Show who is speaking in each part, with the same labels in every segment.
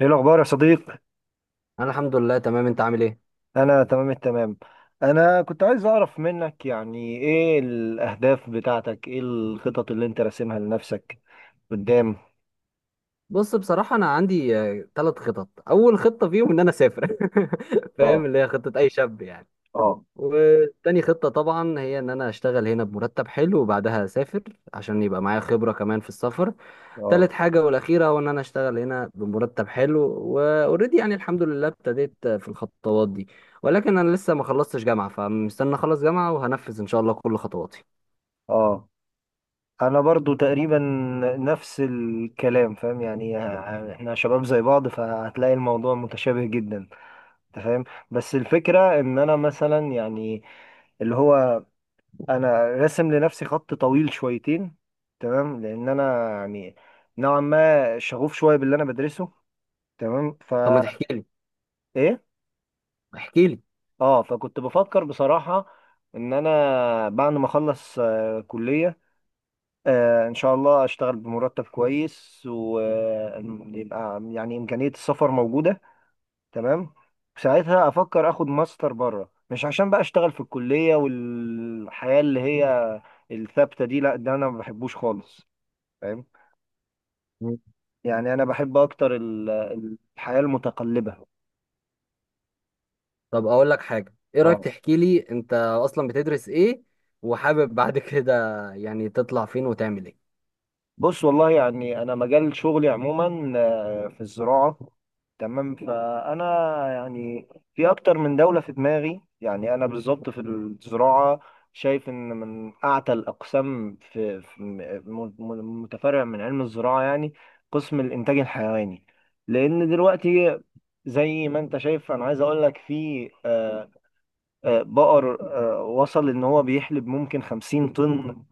Speaker 1: ايه الاخبار يا صديق؟
Speaker 2: انا الحمد لله تمام. انت عامل ايه؟
Speaker 1: انا تمام التمام. انا كنت عايز اعرف منك يعني ايه الاهداف بتاعتك؟ ايه الخطط اللي انت راسمها لنفسك قدام؟
Speaker 2: بص بصراحه انا عندي ثلاث خطط. اول خطه فيهم ان انا اسافر.
Speaker 1: اه،
Speaker 2: فاهم، اللي هي خطه اي شاب يعني.
Speaker 1: اه،
Speaker 2: وتاني خطه طبعا هي ان انا اشتغل هنا بمرتب حلو وبعدها اسافر، عشان يبقى معايا خبره كمان في السفر.
Speaker 1: اه،
Speaker 2: تالت حاجه والاخيره هو ان انا اشتغل هنا بمرتب حلو، واوريدي يعني الحمد لله ابتديت في الخطوات دي. ولكن انا لسه ما خلصتش جامعه، فمستني اخلص جامعه وهنفذ ان شاء الله كل خطواتي.
Speaker 1: اه. انا برضو تقريبا نفس الكلام، فاهم يعني احنا شباب زي بعض، فهتلاقي الموضوع متشابه جدا. انت فاهم؟ بس الفكرة ان انا مثلا يعني اللي هو، انا راسم لنفسي خط طويل شويتين، تمام. لان انا يعني نوعا ما شغوف شويه باللي انا بدرسه، تمام.
Speaker 2: طب ما تحكي لي،
Speaker 1: ايه.
Speaker 2: احكي لي.
Speaker 1: اه، فكنت بفكر بصراحه ان انا بعد ما اخلص كليه، ان شاء الله اشتغل بمرتب كويس ويبقى يعني امكانيه السفر موجوده، تمام. ساعتها افكر اخد ماستر بره، مش عشان بقى اشتغل في الكليه والحياه اللي هي الثابته دي، لا، ده انا ما بحبوش خالص. فاهم؟ يعني انا بحب اكتر الحياة المتقلبة.
Speaker 2: طب اقول لك حاجه، ايه رايك
Speaker 1: اه.
Speaker 2: تحكي لي انت اصلا بتدرس ايه، وحابب بعد كده يعني تطلع فين وتعمل ايه؟
Speaker 1: بص والله يعني انا مجال شغلي عموما في الزراعة، تمام. فانا يعني في اكتر من دولة في دماغي. يعني انا بالظبط في الزراعة شايف ان من اعتى الاقسام متفرع من علم الزراعة يعني قسم الانتاج الحيواني. لان دلوقتي زي ما انت شايف، انا عايز اقول لك في بقر وصل ان هو بيحلب ممكن 50 طن،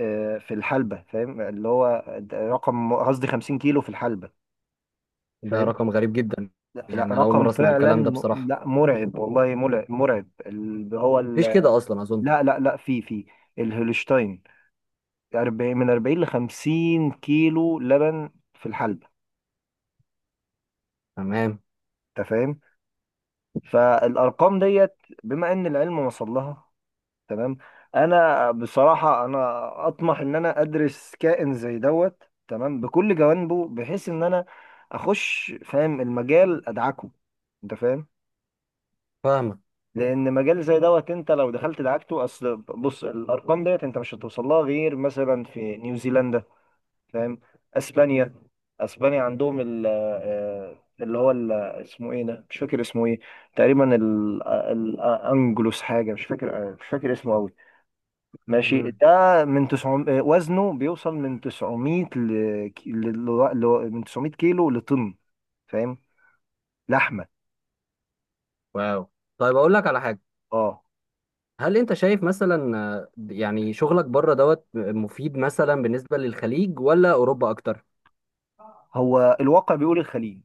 Speaker 1: في الحلبة. فاهم اللي هو ده رقم؟ قصدي 50 كيلو في الحلبة.
Speaker 2: ده
Speaker 1: فاهم؟
Speaker 2: رقم غريب جدا.
Speaker 1: لا، لا،
Speaker 2: يعني انا اول
Speaker 1: رقم
Speaker 2: مره اسمع
Speaker 1: فعلا
Speaker 2: الكلام ده بصراحه،
Speaker 1: لا، مرعب والله، مرعب مرعب اللي هو
Speaker 2: مفيش كده اصلا اظن.
Speaker 1: لا، لا، لا، في، الهولشتاين 40، من 40 ل 50 كيلو لبن في الحلبة.
Speaker 2: تمام.
Speaker 1: انت فاهم؟ فالارقام ديت، بما ان العلم وصل لها، تمام. انا بصراحه انا اطمح ان انا ادرس كائن زي دوت، تمام، بكل جوانبه، بحيث ان انا اخش فاهم المجال، ادعكه. انت فاهم؟
Speaker 2: فاهمك.
Speaker 1: لان مجال زي دوت انت لو دخلت دعكته. اصل بص، الارقام ديت انت مش هتوصل لها غير مثلا في نيوزيلندا. فاهم؟ اسبانيا اسبانيا عندهم ال آه، اللي هو اسمه ايه ده؟ مش فاكر اسمه ايه تقريبا، الانجلوس حاجه، مش فاكر مش فاكر اسمه قوي. ماشي،
Speaker 2: مم.
Speaker 1: ده من 900، وزنه بيوصل من 900 ل... ك- ل... ل... من 900 كيلو لطن. فاهم؟ لحمة.
Speaker 2: واو. طيب اقول لك على حاجه.
Speaker 1: اه.
Speaker 2: هل انت شايف مثلا يعني شغلك بره دوت مفيد مثلا بالنسبه للخليج ولا اوروبا اكتر؟
Speaker 1: هو الواقع بيقول الخليج.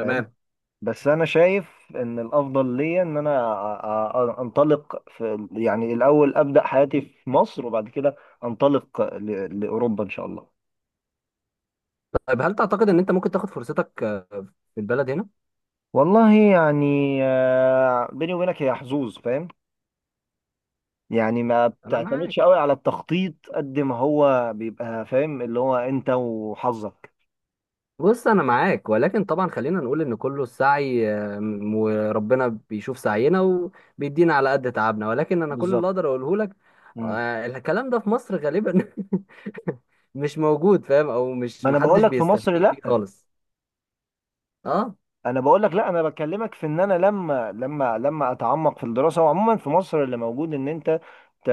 Speaker 1: فاهم؟ بس انا شايف ان الافضل ليا ان انا انطلق في يعني، الاول ابدا حياتي في مصر، وبعد كده انطلق لاوروبا ان شاء الله.
Speaker 2: طيب هل تعتقد ان انت ممكن تاخد فرصتك في البلد هنا؟
Speaker 1: والله يعني بيني وبينك هي حظوظ. فاهم يعني ما
Speaker 2: انا معاك.
Speaker 1: بتعتمدش قوي على التخطيط قد ما هو بيبقى، فاهم اللي هو انت وحظك.
Speaker 2: بص انا معاك، ولكن طبعا خلينا نقول ان كله السعي، وربنا بيشوف سعينا وبيدينا على قد تعبنا. ولكن انا كل اللي
Speaker 1: بالظبط.
Speaker 2: اقدر اقوله لك،
Speaker 1: مم.
Speaker 2: الكلام ده في مصر غالبا مش موجود، فاهم، او مش
Speaker 1: ما انا بقول
Speaker 2: محدش
Speaker 1: لك في مصر
Speaker 2: بيستفيد بيه
Speaker 1: لا.
Speaker 2: خالص. اه.
Speaker 1: انا بقول لك لا، انا بكلمك في ان انا لما اتعمق في الدراسه. وعموما في مصر اللي موجود ان انت ت-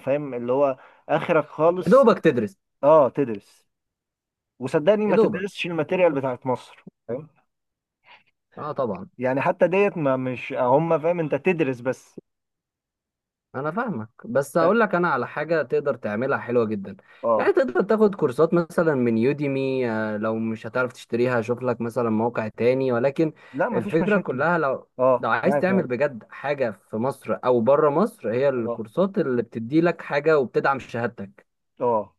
Speaker 1: فاهم اللي هو اخرك
Speaker 2: يا
Speaker 1: خالص.
Speaker 2: دوبك تدرس.
Speaker 1: اه، تدرس. وصدقني
Speaker 2: يا
Speaker 1: ما
Speaker 2: دوبك.
Speaker 1: تدرسش الماتيريال بتاعت مصر، فاهم؟
Speaker 2: اه طبعا.
Speaker 1: يعني حتى ديت ما مش هم، فاهم؟ انت تدرس بس.
Speaker 2: انا فاهمك، بس هقول لك انا على حاجه تقدر تعملها حلوه جدا.
Speaker 1: اه.
Speaker 2: يعني تقدر تاخد كورسات مثلا من يوديمي، لو مش هتعرف تشتريها شوف لك مثلا موقع تاني. ولكن
Speaker 1: لا، ما فيش
Speaker 2: الفكره
Speaker 1: مشاكل.
Speaker 2: كلها لو،
Speaker 1: اه،
Speaker 2: لو عايز
Speaker 1: معاك، معاك.
Speaker 2: تعمل بجد حاجه في مصر او بره مصر، هي
Speaker 1: اه،
Speaker 2: الكورسات اللي بتدي لك حاجه وبتدعم شهادتك.
Speaker 1: اه.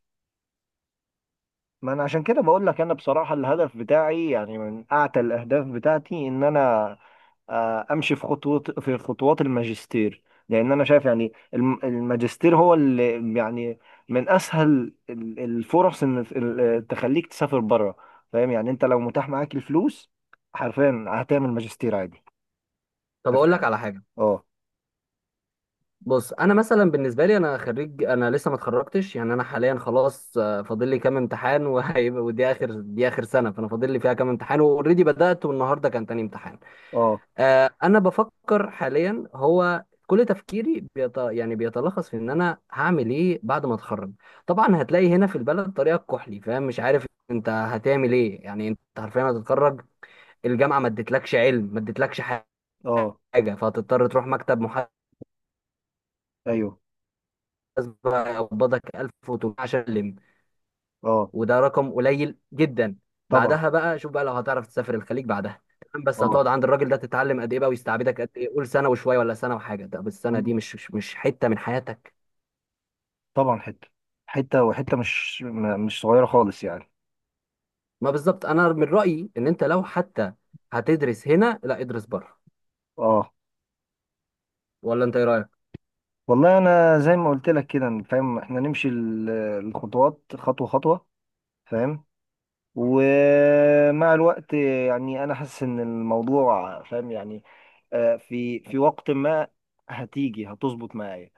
Speaker 1: ما انا عشان كده بقول لك انا بصراحه. الهدف بتاعي يعني من اعتى الاهداف بتاعتي ان انا امشي في خطوات، في خطوات الماجستير. لان انا شايف يعني الماجستير هو اللي يعني من اسهل الفرص ان تخليك تسافر بره. فاهم يعني انت لو متاح معاك الفلوس، حرفيا هتعمل ماجستير عادي.
Speaker 2: طب
Speaker 1: انت
Speaker 2: اقول لك
Speaker 1: فاهم؟
Speaker 2: على حاجه.
Speaker 1: اه،
Speaker 2: بص انا مثلا بالنسبه لي انا خريج، انا لسه ما اتخرجتش. يعني انا حاليا خلاص، فاضل لي كام امتحان وهيبقى ودي اخر، دي اخر سنه، فانا فاضل لي فيها كام امتحان. واوريدي بدات، والنهارده كان تاني امتحان.
Speaker 1: اه،
Speaker 2: انا بفكر حاليا، هو كل تفكيري يعني بيتلخص في ان انا هعمل ايه بعد ما اتخرج. طبعا هتلاقي هنا في البلد طريقه كحلي، فاهم، مش عارف انت هتعمل ايه. يعني انت حرفيا هتتخرج، الجامعه ما ادتلكش علم، ما ادتلكش حاجه،
Speaker 1: اه.
Speaker 2: فهتضطر تروح مكتب محاسبه
Speaker 1: ايوه.
Speaker 2: يقبضك 1000 وتقول عشان تلم.
Speaker 1: اه،
Speaker 2: وده رقم قليل جدا.
Speaker 1: طبعا.
Speaker 2: بعدها بقى شوف بقى لو هتعرف تسافر الخليج بعدها، تمام، بس
Speaker 1: اه.
Speaker 2: هتقعد عند الراجل ده تتعلم قد ايه بقى، ويستعبدك قد ايه؟ قول سنه وشويه ولا سنه وحاجه. طب السنه دي
Speaker 1: مم.
Speaker 2: مش حته من حياتك؟
Speaker 1: طبعا حته، حته وحته مش مش صغيره خالص يعني.
Speaker 2: ما بالظبط. انا من رايي ان انت لو حتى هتدرس هنا، لا ادرس بره.
Speaker 1: اه،
Speaker 2: ولا انت ايه رايك؟
Speaker 1: والله انا زي ما قلت لك كده، فاهم، احنا نمشي الخطوات خطوه خطوه. فاهم؟ ومع الوقت يعني انا حاسس ان الموضوع، فاهم يعني في وقت ما هتيجي هتظبط معايا.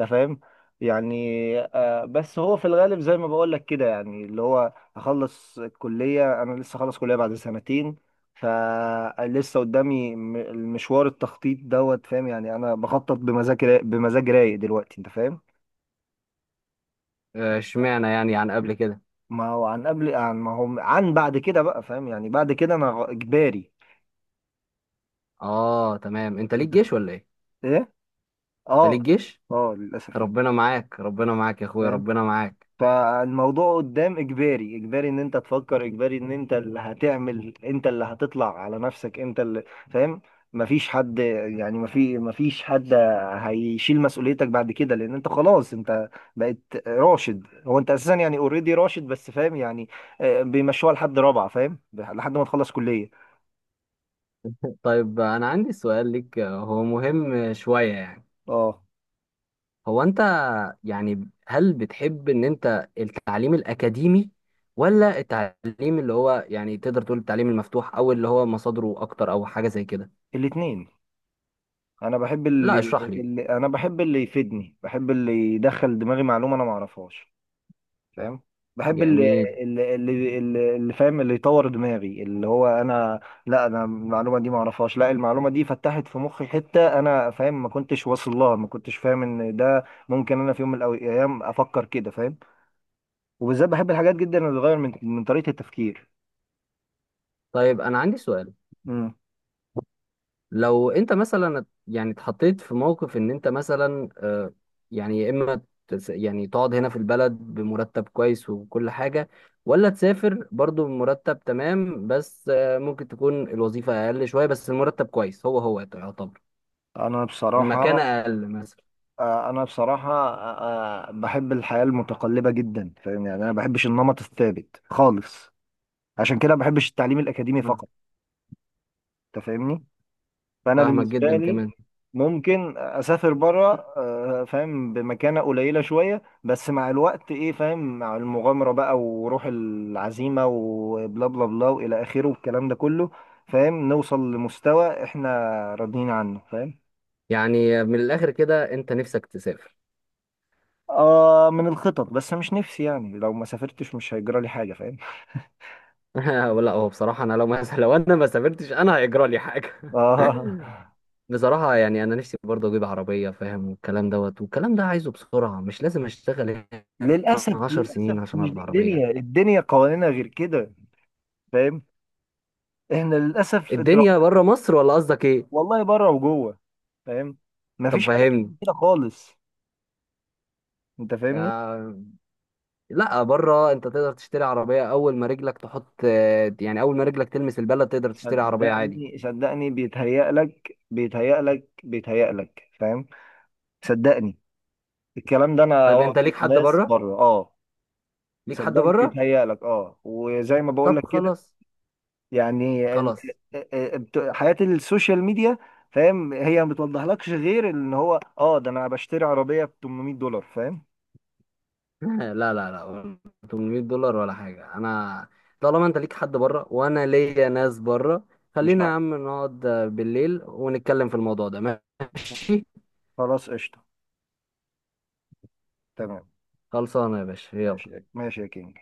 Speaker 1: انت فاهم؟ يعني بس هو في الغالب زي ما بقول لك كده، يعني اللي هو هخلص الكليه. انا لسه خلص كليه بعد سنتين، فلسه قدامي المشوار، التخطيط دوت. فاهم يعني انا بخطط بمزاج بمزاج رايق دلوقتي. انت فاهم؟
Speaker 2: اشمعنى يعني عن قبل كده؟
Speaker 1: ما هو عن قبل، عن، ما هو عن بعد كده بقى، فاهم يعني بعد كده انا اجباري.
Speaker 2: اه تمام. انت ليك
Speaker 1: انت
Speaker 2: جيش ولا ايه؟
Speaker 1: ايه.
Speaker 2: انت
Speaker 1: اه،
Speaker 2: ليك جيش.
Speaker 1: اه، للاسف.
Speaker 2: ربنا معاك، ربنا معاك يا اخويا،
Speaker 1: فاهم؟
Speaker 2: ربنا معاك.
Speaker 1: فالموضوع قدام اجباري، اجباري ان انت تفكر، اجباري ان انت اللي هتعمل، انت اللي هتطلع على نفسك، انت اللي، فاهم، مفيش حد، يعني مفيش حد هيشيل مسؤوليتك بعد كده. لان انت خلاص انت بقيت راشد. هو انت اساسا يعني اوريدي راشد بس، فاهم يعني بيمشوها لحد رابعة، فاهم؟ لحد ما تخلص كلية.
Speaker 2: طيب انا عندي سؤال ليك، هو مهم شويه يعني.
Speaker 1: اه.
Speaker 2: هو انت، يعني هل بتحب ان انت التعليم الاكاديمي، ولا التعليم اللي هو، يعني تقدر تقول التعليم المفتوح، او اللي هو مصادره اكتر، او حاجة زي كده؟
Speaker 1: الاتنين. انا بحب اللي,
Speaker 2: لا اشرح لي.
Speaker 1: اللي انا بحب، اللي يفيدني، بحب اللي يدخل دماغي معلومه انا ما اعرفهاش. فاهم؟ بحب
Speaker 2: جميل.
Speaker 1: اللي فاهم، اللي يطور دماغي، اللي هو انا، لا، انا المعلومه دي ما اعرفهاش. لا، المعلومه دي فتحت في مخي حته انا، فاهم، ما كنتش واصل لها، ما كنتش فاهم ان ده ممكن. انا في يوم من الايام افكر كده، فاهم. وبالذات بحب الحاجات جدا اللي بتغير من طريقه التفكير.
Speaker 2: طيب انا عندي سؤال.
Speaker 1: امم
Speaker 2: لو انت مثلا يعني اتحطيت في موقف ان انت مثلا، يعني يا اما يعني تقعد هنا في البلد بمرتب كويس وكل حاجة، ولا تسافر برضو بمرتب تمام، بس ممكن تكون الوظيفة اقل شوية بس المرتب كويس، هو هو يعتبر
Speaker 1: انا
Speaker 2: المكانة
Speaker 1: بصراحه
Speaker 2: أقل مثلا.
Speaker 1: انا بصراحه بحب الحياه المتقلبه جدا. فاهم يعني انا ما بحبش النمط الثابت خالص، عشان كده ما بحبش التعليم الاكاديمي
Speaker 2: آه،
Speaker 1: فقط. انت فاهمني؟ فانا
Speaker 2: فاهمك
Speaker 1: بالنسبه
Speaker 2: جدا
Speaker 1: لي
Speaker 2: كمان.
Speaker 1: ممكن اسافر بره، فاهم، بمكانه قليله شويه، بس مع الوقت، ايه، فاهم، مع المغامره بقى، وروح العزيمه، وبلا بلا بلا والى اخره، والكلام ده كله، فاهم، نوصل لمستوى احنا راضيين عنه. فاهم؟
Speaker 2: يعني من الآخر كده أنت نفسك تسافر.
Speaker 1: آه، من الخطط بس مش نفسي يعني، لو ما سافرتش مش هيجرى لي حاجة. فاهم؟
Speaker 2: ولا هو بصراحة أنا لو مثلا، لو أنا ما سافرتش أنا هيجرى لي حاجة؟
Speaker 1: اه.
Speaker 2: بصراحة يعني أنا نفسي برضه أجيب عربية، فاهم، والكلام دوت، والكلام ده عايزه بسرعة، مش لازم أشتغل هنا
Speaker 1: للاسف
Speaker 2: 10 سنين
Speaker 1: للاسف،
Speaker 2: عشان
Speaker 1: مش
Speaker 2: أربع
Speaker 1: دي
Speaker 2: عربية.
Speaker 1: الدنيا، الدنيا قوانينها غير كده. فاهم؟ احنا للاسف
Speaker 2: الدنيا بره مصر ولا قصدك إيه؟
Speaker 1: والله بره وجوه. فاهم؟
Speaker 2: طب
Speaker 1: مفيش حاجه
Speaker 2: فهمني.
Speaker 1: بتيجي كده خالص. انت فاهمني؟
Speaker 2: يا- لا بره أنت تقدر تشتري عربية أول ما رجلك تحط، يعني أول ما رجلك تلمس البلد تقدر تشتري عربية عادي؟
Speaker 1: صدقني صدقني، بيتهيأ لك، بيتهيأ لك، بيتهيأ لك. فاهم؟ صدقني، الكلام ده انا
Speaker 2: طيب أنت
Speaker 1: واخده
Speaker 2: ليك
Speaker 1: من
Speaker 2: حد
Speaker 1: ناس
Speaker 2: بره؟
Speaker 1: بره. اه.
Speaker 2: ليك حد
Speaker 1: صدقني
Speaker 2: بره.
Speaker 1: بيتهيأ لك. اه، وزي ما بقول
Speaker 2: طب
Speaker 1: لك كده،
Speaker 2: خلاص،
Speaker 1: يعني
Speaker 2: خلاص.
Speaker 1: حياة السوشيال ميديا، فاهم، هي ما بتوضحلكش غير ان هو، ده انا بشتري عربية ب 800 دولار. فاهم؟
Speaker 2: لا لا لا، 800 دولار ولا حاجه. انا طالما انت ليك حد بره وانا ليا ناس بره،
Speaker 1: مش
Speaker 2: خلينا يا
Speaker 1: عارف.
Speaker 2: عم نقعد بالليل ونتكلم في الموضوع ده، ماشي؟
Speaker 1: خلاص، قشطة. تمام.
Speaker 2: خلصانه يا باشا، يلا.
Speaker 1: ماشي، ماشي يا كينج.